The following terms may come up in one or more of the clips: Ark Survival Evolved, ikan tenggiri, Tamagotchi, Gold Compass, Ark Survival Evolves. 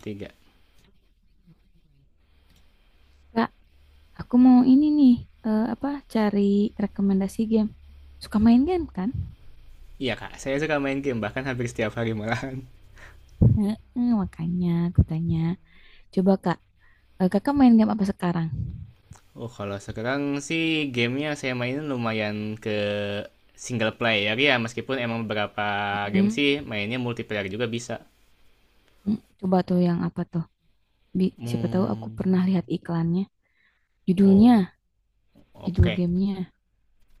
Tiga. Kak, aku mau ini nih, eh, apa cari rekomendasi game. Suka main game kan? Iya kak, saya suka main game, bahkan hampir setiap hari malahan. Heeh, makanya aku tanya. Coba Kak, Kakak main game apa sekarang? Oh kalau sekarang sih gamenya saya mainin lumayan ke single player ya, meskipun emang beberapa game Mm-mm. sih mainnya multiplayer juga bisa. Coba tuh yang apa tuh? Siapa tahu aku Hmm. pernah lihat iklannya. Judulnya, Oh, judul oke. gamenya.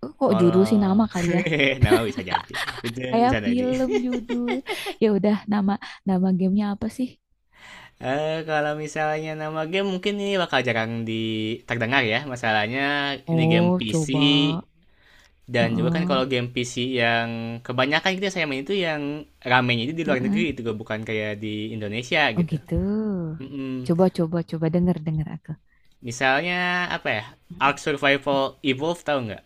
Kok judul sih Kalau nama kali ya? nama bisa jadi, itu Kayak bisa jadi. film judul. Ya udah, nama nama gamenya apa sih? Kalau misalnya nama game mungkin ini bakal jarang di terdengar ya. Masalahnya ini game Oh, PC. coba. Dan juga kan Heeh. kalau game PC yang kebanyakan gitu ya, saya main itu yang ramenya itu di luar Heeh. negeri, itu bukan kayak di Indonesia Oh gitu. gitu. Mm-mm. Coba, coba, coba, denger, denger aku. Misalnya apa ya? Ark Mm-mm. Survival Evolved, tahu nggak?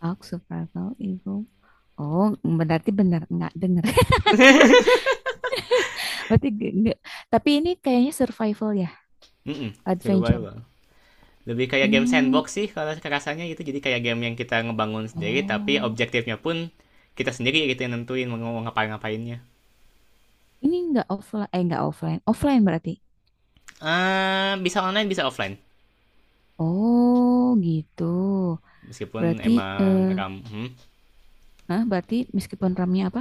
Talk survival evil. Oh, berarti benar nggak dengar. Berarti nggak, nggak. Tapi ini kayaknya survival ya, Mm-mm, adventure. survival. Lebih kayak game Hmm. sandbox sih kalau rasanya gitu. Jadi kayak game yang kita ngebangun sendiri, tapi Oh, objektifnya pun kita sendiri gitu yang nentuin mau ngapain ngapainnya. ini nggak offline, eh nggak offline, offline berarti. Bisa online, bisa offline. Oh, gitu. Meskipun Berarti, emang eh, ram, nah berarti meskipun ramenya apa?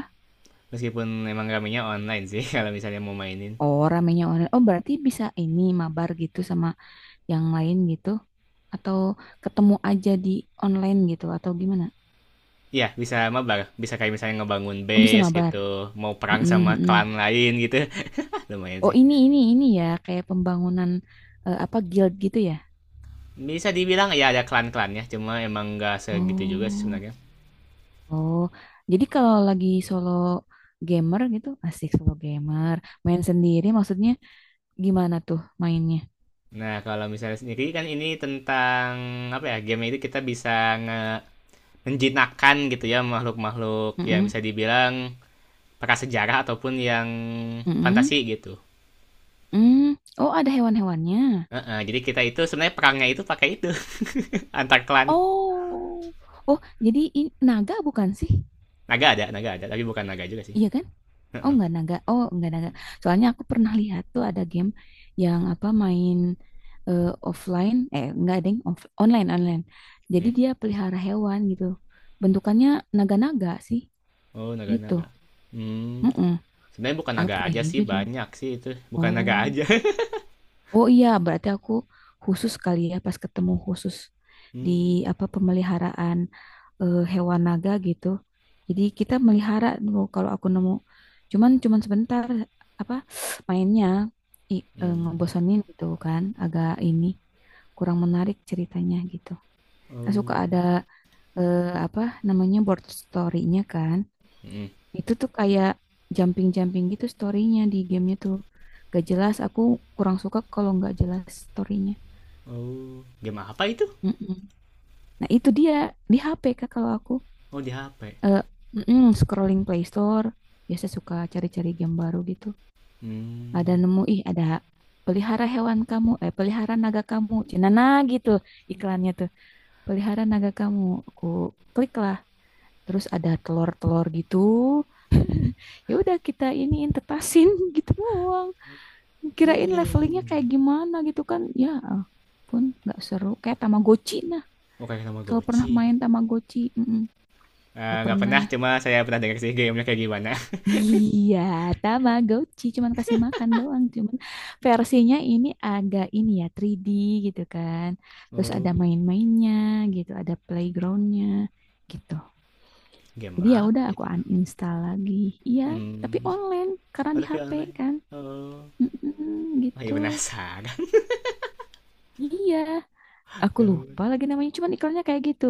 meskipun emang ramenya online sih, kalau misalnya mau mainin. Oh, ramenya online. Oh, berarti bisa ini mabar gitu sama yang lain gitu, atau ketemu aja di online gitu, atau gimana? Iya, bisa mabar. Bisa kayak misalnya ngebangun Oh, bisa base mabar. gitu, mau perang Mm-mm, sama mm-mm. klan lain gitu. Lumayan Oh, sih. ini ya kayak pembangunan, eh, apa guild gitu ya? Bisa dibilang ya ada klan-klannya, cuma emang nggak segitu juga sih Oh, sebenarnya. oh, jadi kalau lagi solo gamer gitu asik, solo gamer main sendiri maksudnya, gimana tuh mainnya? Nah, kalau misalnya sendiri kan ini tentang apa ya? Game itu kita bisa nge menjinakkan gitu ya makhluk-makhluk yang bisa Mm-mm, dibilang prasejarah ataupun yang mm-mm, fantasi gitu. mm. Oh, ada hewan-hewannya. Jadi kita itu sebenarnya perangnya itu pakai itu antar klan. Oh, oh, jadi naga bukan sih? Naga ada, tapi bukan naga juga sih. Iya kan? Uh Oh, -uh. nggak naga, oh nggak naga. Soalnya aku pernah lihat tuh ada game yang apa main eh, offline, eh nggak deng, online online. Jadi Mm. dia pelihara hewan gitu. Bentukannya naga-naga sih Oh, gitu. naga-naga. Hmm. Mm-mm. Sebenarnya bukan naga Apa aja ya sih, judul? banyak sih itu. Bukan naga Oh. aja. Oh iya, berarti aku khusus kali ya pas ketemu khusus di Hmm. apa pemeliharaan, hewan naga gitu. Jadi kita melihara dulu kalau aku nemu. Cuman cuman sebentar, apa, mainnya i, Hmm. ngebosenin gitu kan, agak ini kurang menarik ceritanya gitu. Kan suka Oh. ada, eh, apa namanya board story-nya kan. Hmm. Itu tuh kayak jumping-jumping gitu storynya di gamenya tuh. Gak jelas, aku kurang suka kalau nggak jelas storynya. Oh. Game apa itu? Mm-mm. Nah itu dia di HP Kak, kalau aku Oh, di HP. eh mm-mm, scrolling Play Store biasa suka cari-cari game baru gitu. Ada Hmm. nemu, ih ada pelihara hewan kamu, eh pelihara naga kamu cenana gitu, iklannya tuh pelihara naga kamu. Aku klik lah, terus ada telur-telur gitu, ya udah kita iniin tetasin, gitu doang. Kirain levelingnya Hmm. kayak gimana gitu kan ya, pun nggak seru kayak Tamagotchi. Nah Oh, kayak nama kalau pernah Goci. main Tamagotchi, nggak Nggak pernah. pernah, cuma saya pernah dengar sih gamenya kayak gimana. Iya, Tamagotchi cuman kasih makan doang. Cuman versinya ini agak ini ya, 3D gitu kan, terus Oh. ada main-mainnya gitu, ada playgroundnya gitu. Game Jadi ya apa udah aku itu ya? uninstall lagi, iya. Tapi Hmm. online karena di Ada via HP online. kan. Oh. Mm-mm, gitu, Masih penasaran. iya. Aku Gaun. lupa lagi namanya, cuman iklannya kayak gitu.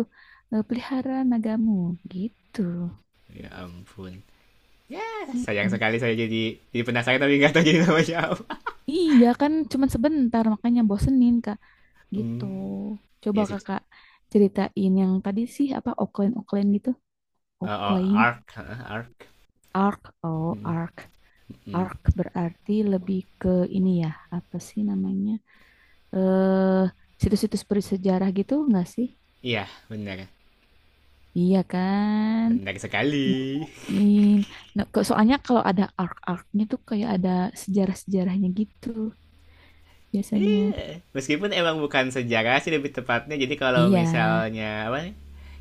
Pelihara nagamu gitu. Ya ampun. Ya, sayang Mm-mm. sekali, saya jadi penasaran tapi nggak tahu jadi nama siapa. Iya kan cuman sebentar makanya bosenin Kak gitu. Hmm. Coba Ya sih. Kakak ceritain yang tadi sih apa, Oakland Oakland gitu. Oh, oh, Oakland Ark, heeh, Ark. Arc, oh Mm, Arc. mm. Arc berarti lebih ke ini ya, apa sih namanya? Eh Situs-situs bersejarah gitu enggak sih? Iya, benar. Iya kan? Benar sekali. Nemuin. Nah, soalnya kalau ada arc-arcnya tuh kayak ada sejarah-sejarahnya gitu Iya. biasanya. Meskipun emang bukan sejarah sih lebih tepatnya. Jadi kalau Iya. misalnya apa?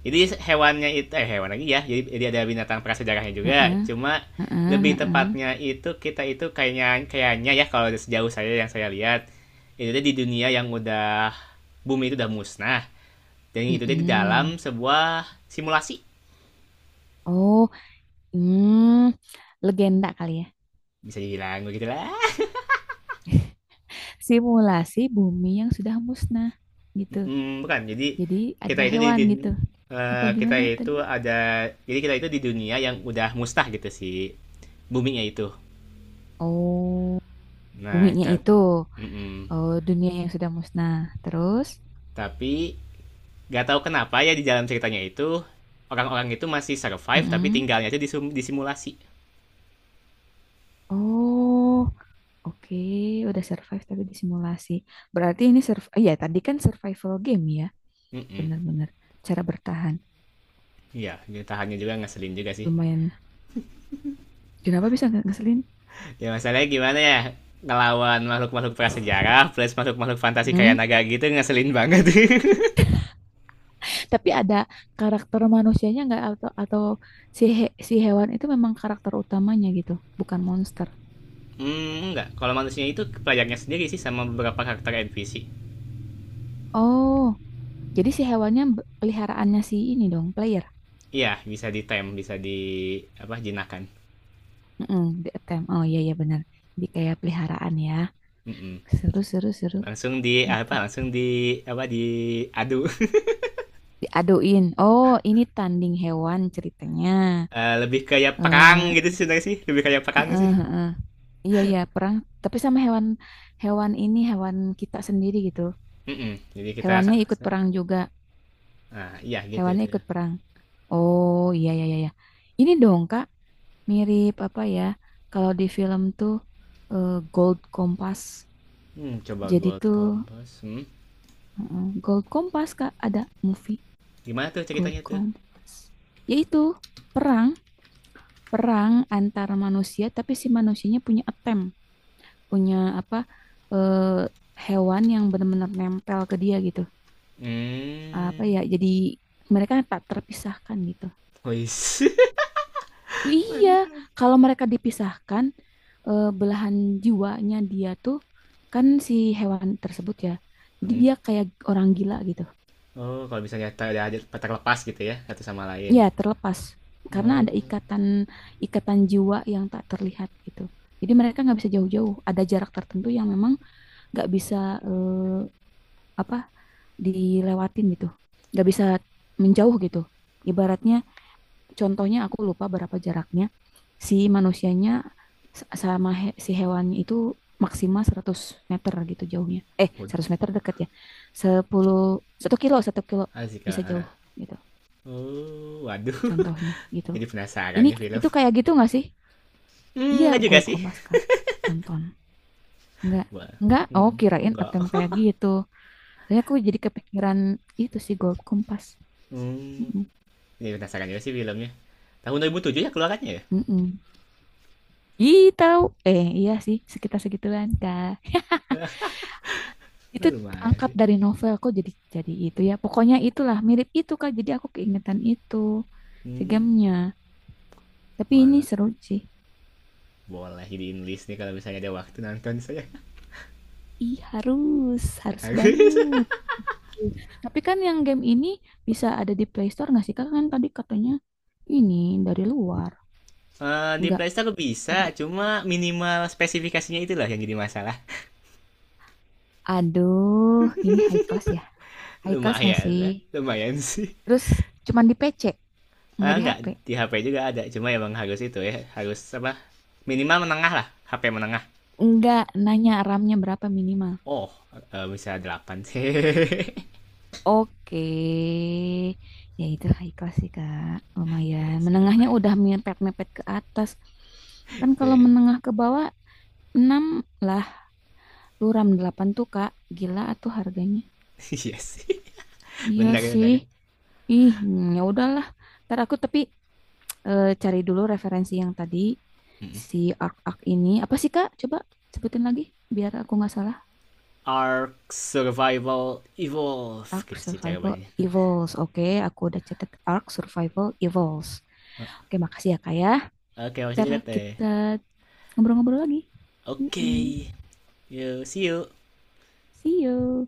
Jadi hewannya itu, hewan lagi ya. Jadi ada binatang prasejarahnya juga. Heeh, Cuma heeh, lebih heeh. tepatnya itu kita itu kayaknya kayaknya ya, kalau sejauh saya yang saya lihat itu di dunia yang udah bumi itu udah musnah, dan itu di Mm-mm. dalam sebuah simulasi, Oh, hmm, legenda kali ya. bisa dibilang begitu lah. Simulasi bumi yang sudah musnah gitu. Mm, bukan. Jadi Jadi kita ada itu di hewan dun- gitu. Apa kita gimana itu tadi? ada, jadi kita itu di dunia yang udah mustah gitu sih boomingnya itu. Oh, Nah, buminya ta- itu, mm-mm, oh, dunia yang sudah musnah. Terus, tapi nggak tahu kenapa ya di dalam ceritanya itu orang-orang itu masih survive tapi mm-mm. tinggalnya itu di, sum- di simulasi. Oh. Oke, udah survive tapi disimulasi. Berarti ini ya tadi kan survival game ya, Mm-mm. bener-bener cara bertahan. Iya, tahannya juga ngeselin juga sih. Lumayan. Kenapa bisa nggak ngeselin? Ya masalahnya gimana ya? Ngelawan makhluk-makhluk prasejarah plus makhluk-makhluk fantasi kayak Mm. naga gitu ngeselin banget. Tapi ada karakter manusianya nggak, atau si hewan itu memang karakter utamanya gitu, bukan monster. Hmm, enggak. Kalau manusia itu pelajarnya sendiri sih, sama beberapa karakter NPC. Oh, jadi si hewannya, peliharaannya si ini dong, player. Iya, bisa di ditem, bisa di apa jinakan. Mm-mm, di attempt. Oh iya iya, benar. Jadi kayak peliharaan ya. Mm-mm. Seru, seru, seru Langsung di gitu. apa? Langsung di apa? Diadu. Diaduin. Oh, ini tanding hewan ceritanya. Eh, lebih kayak perang eh gitu sih sebenarnya sih, lebih kayak perang heeh, sih. heeh. Iya iya, perang tapi sama hewan, hewan ini hewan kita sendiri gitu. Mm-mm. Jadi kita Hewannya sa- ikut sa- perang juga. ah iya gitu Hewannya tuh. ikut perang. Oh iya iya iya. Iya. Ini dong Kak, mirip apa ya? Kalau di film tuh, Gold Compass. Hmm, coba Jadi Gold tuh, Compass. Hmm. heeh, Gold Compass Kak ada movie Gimana tuh Gold ceritanya tuh? Compass. Yaitu perang, perang antar manusia tapi si manusianya punya attempt. Punya apa, eh, hewan yang benar-benar nempel ke dia gitu. Apa ya? Hmm. Jadi mereka tak terpisahkan gitu. Wis. Oh iya, Mantap. kalau mereka dipisahkan, belahan jiwanya dia tuh kan si hewan tersebut ya. Jadi Mm. dia kayak orang gila gitu. Oh, kalau misalnya ter- ada terlepas gitu ya satu sama lain. Ya, terlepas karena Oh. ada ikatan, ikatan jiwa yang tak terlihat gitu. Jadi mereka nggak bisa jauh-jauh. Ada jarak tertentu yang memang nggak bisa, eh, apa dilewatin gitu, nggak bisa menjauh gitu ibaratnya. Contohnya aku lupa berapa jaraknya si manusianya sama si hewannya itu. Maksimal 100 meter gitu jauhnya, eh 100 Waduh, meter dekat ya. 10, 1 kilo, asik bisa jauh ah. gitu Oh, waduh. contohnya gitu. Jadi penasaran Ini nih film. itu kayak gitu nggak sih? Iya, Hmm, enggak juga Gold sih. Kompas Kak, tonton nggak? Wah, Nggak, Oh, hmm, kirain enggak. attempt kayak gitu, soalnya aku jadi kepikiran itu sih, Gold Kompas. Hmm. Mm-mm. Ini penasaran juga sih filmnya. Tahun 2007 ya keluarannya ya? Mm-mm. Ih, tahu. Iya sih, sekitar segituan, Kak. Itu Lumayan angkat sih. dari novel kok jadi itu ya. Pokoknya itulah, mirip itu Kak. Jadi aku keingetan itu si Hmm. gamenya. Tapi ini Walah, seru sih. boleh jadiin list nih kalau misalnya ada waktu nonton saya. Ih, harus, harus Harus. banget. Tapi kan yang game ini bisa ada di Play Store nggak sih, Kak? Kan tadi katanya ini dari luar. Eh, di Nggak Playstore ada. bisa, cuma minimal spesifikasinya itulah yang jadi masalah. Aduh, ini high class ya. High class nggak Lumayan, sih? eh, lumayan sih. Terus cuman di PC, Ah, nggak di enggak, HP. di HP juga ada, cuma emang harus itu ya, harus apa? Minimal menengah lah, HP menengah. Nggak, nanya RAM-nya berapa minimal. Oh, eh, bisa 8 sih. Oke, ya itu high class sih Kak, lumayan. Iya Menengahnya lumayan. udah mepet-mepet ke atas. Kan kalau Yes. menengah ke bawah 6 lah, duram 8 tuh Kak, gila tuh harganya. Iya Benar ya, sih, benar. ih, ya udahlah. Ntar aku tapi cari dulu referensi yang tadi, Mm-mm. si Ark-Ark ini. Apa sih Kak? Coba sebutin lagi biar aku nggak salah. Ark Survival Evolve Ark gitu sih cara Survival mainnya. Evolves, oke, aku udah catat Ark Survival Evolves. Oke, makasih ya Kak ya. Oke, masih Ntar dilihat deh. kita ngobrol-ngobrol lagi. Oke, Mm-mm. yuk, see you. See you.